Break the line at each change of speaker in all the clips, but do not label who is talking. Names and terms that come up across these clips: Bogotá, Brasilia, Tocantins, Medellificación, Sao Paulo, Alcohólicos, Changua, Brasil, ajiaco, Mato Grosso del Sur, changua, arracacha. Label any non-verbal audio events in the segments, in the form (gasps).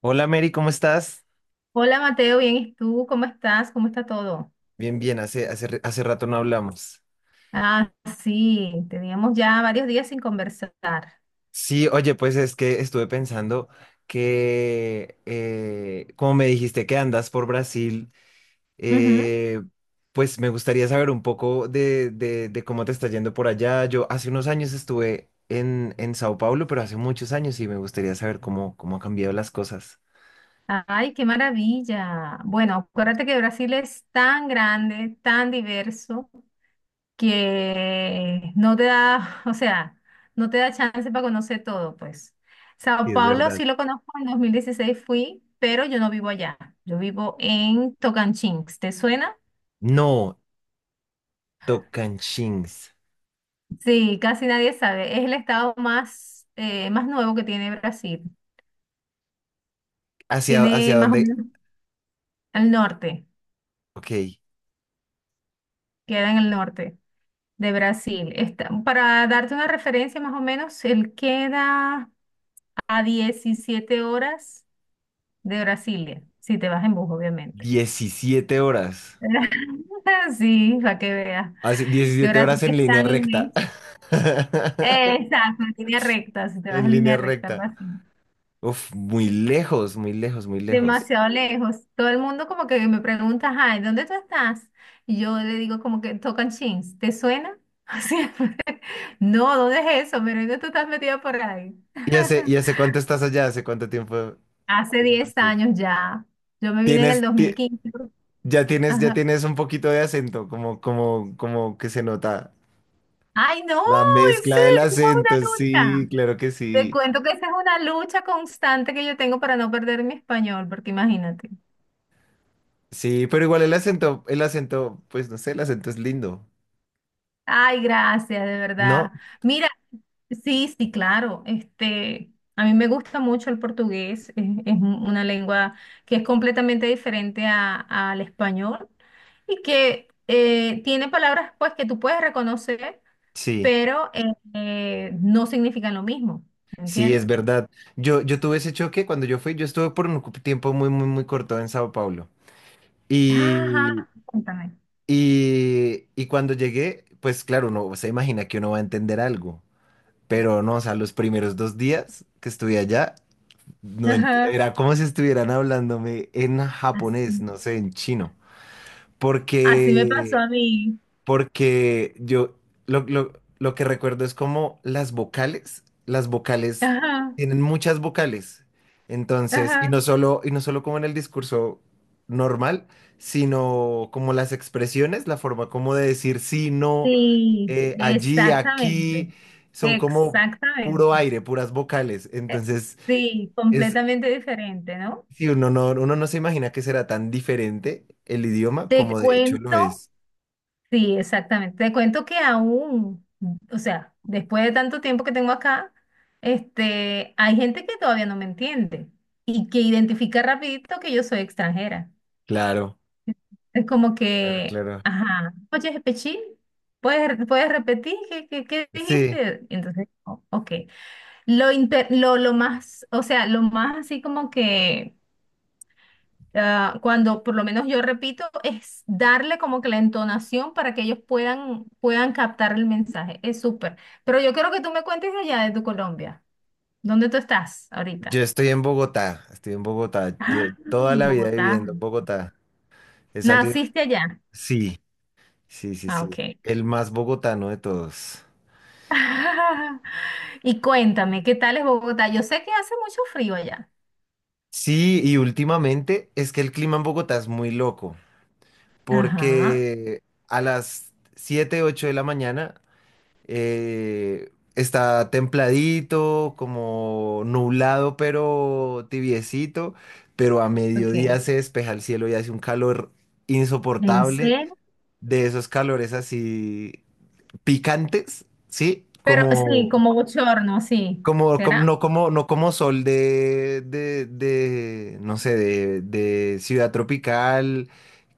Hola Mary, ¿cómo estás?
Hola Mateo, bien, ¿y tú? ¿Cómo estás? ¿Cómo está todo?
Bien, bien, hace rato no hablamos.
Ah, sí, teníamos ya varios días sin conversar.
Sí, oye, pues es que estuve pensando que, como me dijiste que andas por Brasil,
Ujú.
eh, pues me gustaría saber un poco de cómo te está yendo por allá. Yo hace unos años estuve en Sao Paulo, pero hace muchos años y me gustaría saber cómo han cambiado las cosas.
Ay, qué maravilla. Bueno, acuérdate que Brasil es tan grande, tan diverso, que no te da, (laughs) o sea, no te da chance para conocer todo, pues.
Sí,
Sao
es
Paulo
verdad.
sí lo conozco, en 2016 fui, pero yo no vivo allá. Yo vivo en Tocantins. ¿Te suena?
No, Tocantins.
Sí, casi nadie sabe. Es el estado más, más nuevo que tiene Brasil.
¿Hacia,
Tiene
hacia
más o
dónde?
menos al norte,
Ok,
queda en el norte de Brasil. Está, para darte una referencia más o menos, él queda a 17 horas de Brasilia, si te vas en bus, obviamente.
17 horas.
(laughs) Sí, para que veas
Así,
que
17
Brasil
horas en
es
línea
tan
recta.
inmenso.
(laughs)
Exacto, en línea recta, si te vas
En
en
línea
línea recta, algo
recta.
así.
Uf, muy lejos, muy lejos, muy lejos.
Demasiado lejos. Todo el mundo como que me pregunta, ay, ¿dónde tú estás? Y yo le digo como que tocan chins, ¿te suena? (laughs) Siempre. No, ¿dónde es eso? Pero ¿dónde tú estás metida por ahí?
¿Y hace, y
(laughs)
hace cuánto estás allá? ¿Hace cuánto tiempo?
Hace 10 años ya. Yo me vine en el
Tienes, ti-
2015.
ya
Ajá.
tienes un poquito de acento, como que se nota
Ay, no,
la
en
mezcla del
serio, esa es
acento,
una
sí,
lucha.
claro que
Te
sí.
cuento que esa es una lucha constante que yo tengo para no perder mi español, porque imagínate.
Sí, pero igual el acento, pues no sé, el acento es lindo,
Ay, gracias, de
¿no?
verdad. Mira, sí, sí, claro. Este, a mí me gusta mucho el portugués. Es una lengua que es completamente diferente al español y que tiene palabras pues que tú puedes reconocer,
Sí.
pero no significan lo mismo.
Sí,
¿Entiendes?
es verdad. Yo tuve ese choque cuando yo fui, yo estuve por un tiempo muy, muy, muy corto en Sao Paulo. Y,
Ajá, cuéntame.
y cuando llegué, pues claro, uno se imagina que uno va a entender algo, pero no, o sea, los primeros 2 días que estuve allá,
Ajá.
era como si estuvieran hablándome en japonés,
Así,
no sé, en chino. Mm.
así me pasó
porque,
a mí.
porque yo lo, lo- lo que recuerdo es como las vocales
Ajá,
tienen muchas vocales. Entonces, y
ajá.
no solo, y no solo como en el discurso normal, sino como las expresiones, la forma como de decir sí, no,
Sí,
allí, aquí,
exactamente,
son como puro
exactamente.
aire, puras vocales.
Eh,
Entonces,
Sí,
es,
completamente diferente, ¿no?
si uno no se imagina que será tan diferente el idioma
Te
como de hecho lo
cuento,
es.
sí, exactamente. Te cuento que aún, o sea, después de tanto tiempo que tengo acá, este, hay gente que todavía no me entiende y que identifica rapidito que yo soy extranjera.
Claro,
Es como
claro,
que,
claro.
ajá, oye, Pechín, ¿puedes repetir qué
Sí.
dijiste? Y entonces, ok. Lo más, o sea, lo más así como que ah, cuando por lo menos yo repito, es darle como que la entonación para que ellos puedan captar el mensaje. Es súper. Pero yo quiero que tú me cuentes de allá de tu Colombia. ¿Dónde tú estás
Yo
ahorita?
estoy en Bogotá, estoy en Bogotá.
Ah,
Yo toda la vida
Bogotá.
viviendo en Bogotá. He salido.
¿Naciste allá?
Sí, sí, sí,
Ah,
sí.
ok.
El más bogotano de todos.
(laughs) Y cuéntame, ¿qué tal es Bogotá? Yo sé que hace mucho frío allá.
Sí, y últimamente es que el clima en Bogotá es muy loco,
Ajá,
porque a las 7, 8 de la mañana está templadito, como nublado, pero tibiecito, pero a
ok.
mediodía se despeja el cielo y hace un calor
¿En
insoportable.
serio?
De esos calores así picantes, ¿sí?
Pero sí,
Como,
como bochorno, sí.
como, como-
¿Será?
no como, no como sol de, no sé, de ciudad tropical,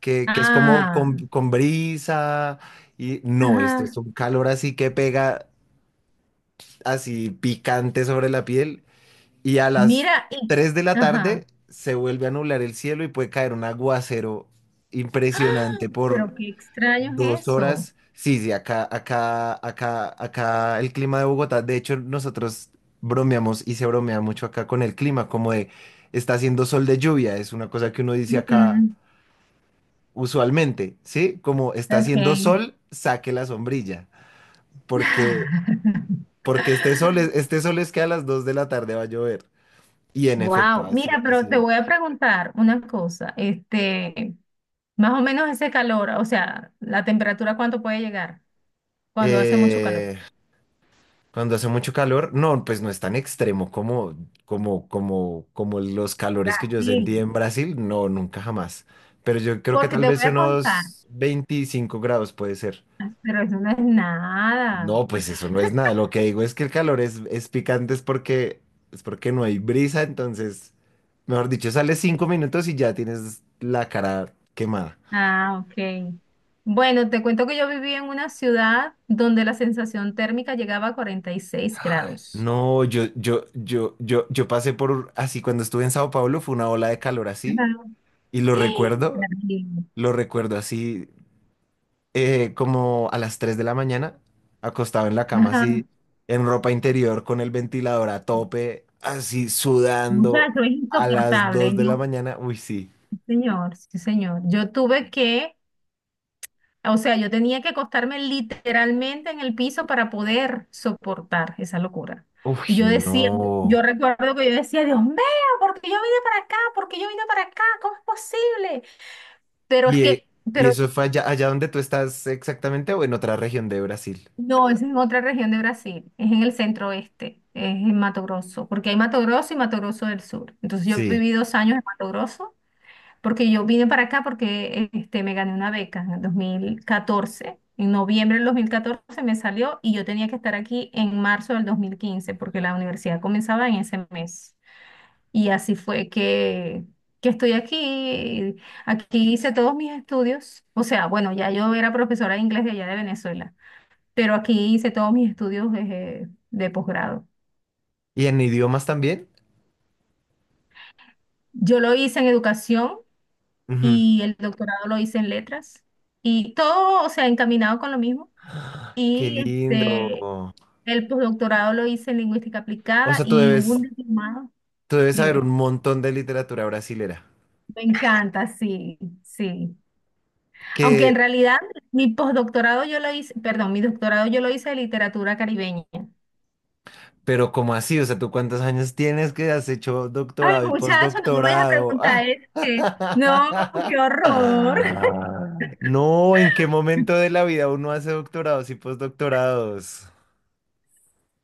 que es como con,
Ah,
con brisa, y no, esto es
ajá.
un calor así que pega así picante sobre la piel, y a las
Mira, y,
3 de la tarde
ajá.
se vuelve a nublar el cielo y puede caer un aguacero
¡Ah!
impresionante por
Pero qué extraño
Dos
es eso.
horas. Sí, sí, acá el clima de Bogotá. De hecho, nosotros bromeamos y se bromea mucho acá con el clima, como de está haciendo sol de lluvia. Es una cosa que uno dice acá
Ujú.
usualmente, ¿sí? Como está haciendo
Ok.
sol, saque la sombrilla. Porque,
(laughs)
porque este sol es que a las 2 de la tarde va a llover. Y en efecto,
Wow.
así,
Mira, pero te
así.
voy a preguntar una cosa. Este, más o menos ese calor, o sea, la temperatura, ¿cuánto puede llegar cuando hace mucho calor?
Eh, Cuando hace mucho calor, no, pues no es tan extremo como los calores que yo
Brasil.
sentí en Brasil, no, nunca jamás. Pero yo creo que
Porque
tal
te
vez
voy a contar,
unos 25 grados puede ser.
pero eso no es nada.
No, pues eso no es nada. Lo que digo es que el calor es picante, es porque no hay brisa, entonces, mejor dicho, sales 5 minutos y ya tienes la cara quemada.
Ah, ok. Bueno, te cuento que yo viví en una ciudad donde la sensación térmica llegaba a 46 grados.
No, yo pasé por así cuando estuve en Sao Paulo, fue una ola de calor así,
Ajá.
y lo
¡Ah!
recuerdo,
Terrible.
Lo recuerdo así, como a las 3 de la mañana, acostado en la cama así,
Ajá.
en ropa interior, con el ventilador a tope, así sudando
Muchacho, es
a las 2
insoportable.
de la
Yo,
mañana. Uy, sí.
sí, señor, sí, señor. O sea, yo tenía que acostarme literalmente en el piso para poder soportar esa locura.
Uy,
Y yo decía,
no.
yo recuerdo que yo decía, Dios mío, ¿por qué yo vine para acá? ¿Por qué yo vine para acá? ¿Cómo es posible? Pero es
¿Y, eh,
que,
y
pero
eso fue allá donde tú estás exactamente o en otra región de Brasil?
no, es en otra región de Brasil, es en el centro oeste, es en Mato Grosso, porque hay Mato Grosso y Mato Grosso del Sur. Entonces yo
Sí.
viví 2 años en Mato Grosso, porque yo vine para acá porque este, me gané una beca en el 2014. En noviembre del 2014 me salió y yo tenía que estar aquí en marzo del 2015, porque la universidad comenzaba en ese mes. Y así fue que, que estoy aquí. Aquí hice todos mis estudios. O sea, bueno, ya yo era profesora de inglés de allá de Venezuela, pero aquí hice todos mis estudios de posgrado.
¿Y en idiomas también?
Yo lo hice en educación
Ujú.
y el doctorado lo hice en letras y todo, o sea, encaminado con lo mismo.
Qué
Y este,
lindo.
el posdoctorado lo hice en lingüística
O
aplicada
sea, tú
y hubo un
debes,
diplomado,
tú debes saber un
dime.
montón de literatura brasilera.
Me encanta, sí, sí. Aunque en
Que
realidad mi posdoctorado yo lo hice, perdón, mi doctorado yo lo hice de literatura caribeña.
pero ¿cómo así? O sea, ¿tú cuántos años tienes que has hecho
Ay,
doctorado y
muchacho, no me vayas a
postdoctorado? (laughs)
preguntar eso, no, qué horror.
Ah. No, ¿en qué momento de la vida uno hace doctorados y postdoctorados?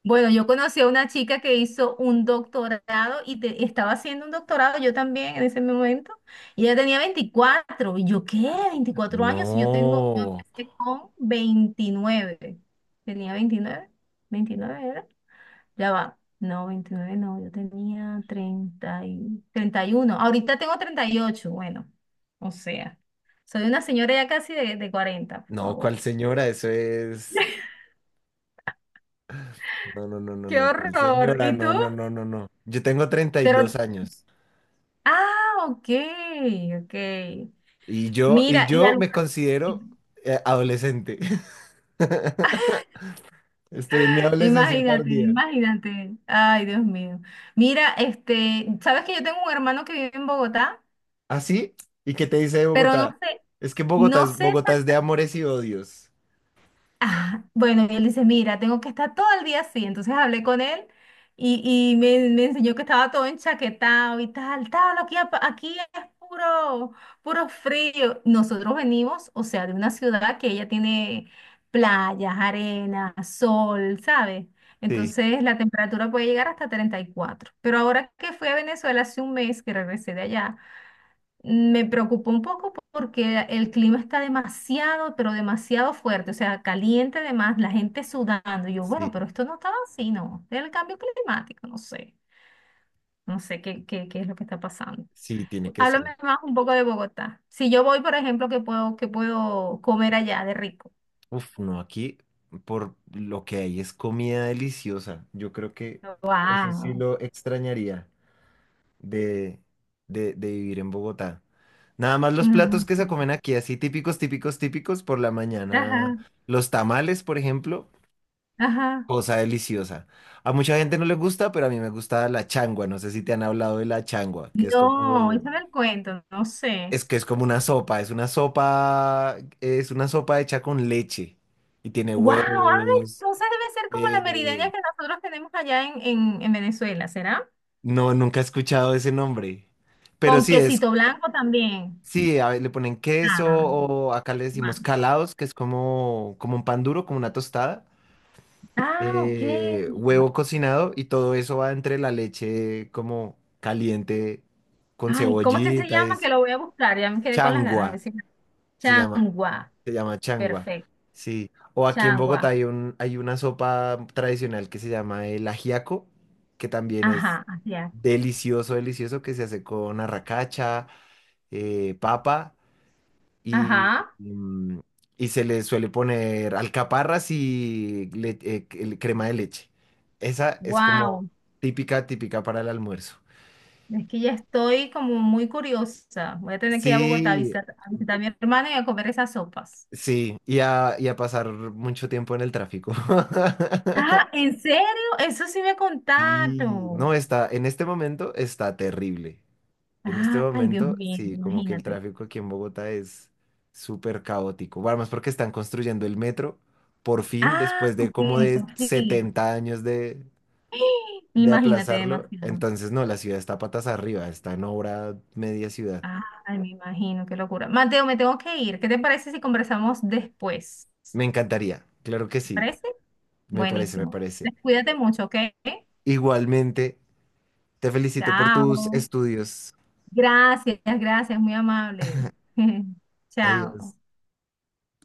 Bueno, yo conocí a una chica que hizo un doctorado y estaba haciendo un doctorado yo también en ese momento. Y ella tenía 24. ¿Y yo qué? 24 años. Y yo
No,
empecé con 29. ¿Tenía 29, 29 era? Ya va. No, 29 no. Yo tenía 31. Ahorita tengo 38. Bueno, o sea, soy una señora ya casi de 40, por
no, ¿cuál
favor.
señora? Eso es... No, no, no, no,
¡Qué
no, ¿cuál
horror!
señora?
¿Y tú?
No, no, no, no, no. Yo tengo treinta y
Pero
dos años
Ah, ok, ok.
y yo, y
Mira, y
yo
algo,
me considero
(laughs)
adolescente. (laughs) Estoy en mi adolescencia
imagínate,
tardía.
imagínate. Ay, Dios mío. Mira, este, sabes que yo tengo un hermano que vive en Bogotá,
¿Así? ¿Y qué te dice de
pero no
Bogotá?
sé,
Es que Bogotá
no
es,
sé.
Bogotá es de amores y odios.
Ah, bueno, y él dice, mira, tengo que estar todo el día así. Entonces hablé con él y me enseñó que estaba todo enchaquetado y tal, tal, aquí es puro, puro frío. Nosotros venimos, o sea, de una ciudad que ella tiene playas, arena, sol, ¿sabes?
Sí,
Entonces la temperatura puede llegar hasta 34. Pero ahora que fui a Venezuela hace un mes que regresé de allá, me preocupó un poco porque el clima está demasiado, pero demasiado fuerte, o sea, caliente además, la gente sudando. Y yo, bueno,
sí,
pero esto no estaba así, ¿no? Del cambio climático, no sé, no sé qué, qué es lo que está pasando.
sí, tiene que ser.
Háblame más un poco de Bogotá. Si yo voy, por ejemplo, ¿qué puedo comer allá de rico?
Uf, no, aquí por lo que hay es comida deliciosa. Yo creo que eso sí
Wow.
lo extrañaría de, de vivir en Bogotá. Nada más los
Ajá,
platos que se comen aquí, así típicos, típicos, típicos, por la mañana.
ajá.
Los tamales, por ejemplo.
Ajá.
Cosa deliciosa. A mucha gente no le gusta, pero a mí me gusta la changua. No sé si te han hablado de la changua, que es
No,
como,
échame el cuento, no sé.
es que es como una sopa. Es una sopa hecha con leche y tiene
Wow, ay,
huevos.
entonces debe ser como la
eh,
merideña que nosotros tenemos allá en Venezuela, ¿será?
no, nunca he escuchado ese nombre. Pero
Con quesito blanco también.
sí, a ver, le ponen queso
Ah,
o acá le decimos
guau.
calados, que es como un pan duro, como una tostada.
Ah, ok.
Huevo cocinado y todo eso va entre la leche como caliente con
Ay, ¿cómo es que se
cebollita,
llama? Que
es
lo voy a buscar, ya me quedé con las ganas. A
changua,
ver si...
se llama,
Changua,
se llama changua,
perfecto.
sí. O aquí en Bogotá
Changua.
hay una sopa tradicional que se llama el ajiaco, que también es
Ajá, así es.
delicioso, delicioso, que se hace con arracacha, papa y,
Ajá.
y, mm, y se le suele poner alcaparras y crema de leche. Esa es como
Wow.
típica, típica para el almuerzo.
Es que ya estoy como muy curiosa. Voy a tener que ir a Bogotá
Sí,
a visitar a mi hermana y a comer esas sopas.
sí, y a pasar mucho tiempo en el tráfico.
Ah,
(laughs)
¿en serio? Eso sí me
Sí, no
contaron.
está, en este momento está terrible. En este
Ay, Dios
momento,
mío,
sí, como que el
imagínate.
tráfico aquí en Bogotá es súper caótico. Bueno, más porque están construyendo el metro, por fin,
Ah,
después de
ok,
como de
por fin.
70 años de,
(gasps)
de
Imagínate
aplazarlo.
demasiado.
Entonces, no, la ciudad está patas arriba, está en obra media ciudad.
Ay, me imagino, qué locura. Mateo, me tengo que ir. ¿Qué te parece si conversamos después?
Me encantaría, claro que
¿Te
sí,
parece?
me parece, me
Buenísimo.
parece.
Entonces, cuídate mucho, ¿ok?
Igualmente, te felicito por tus
Chao.
estudios.
Gracias, gracias, muy amable. (laughs)
Adiós.
Chao.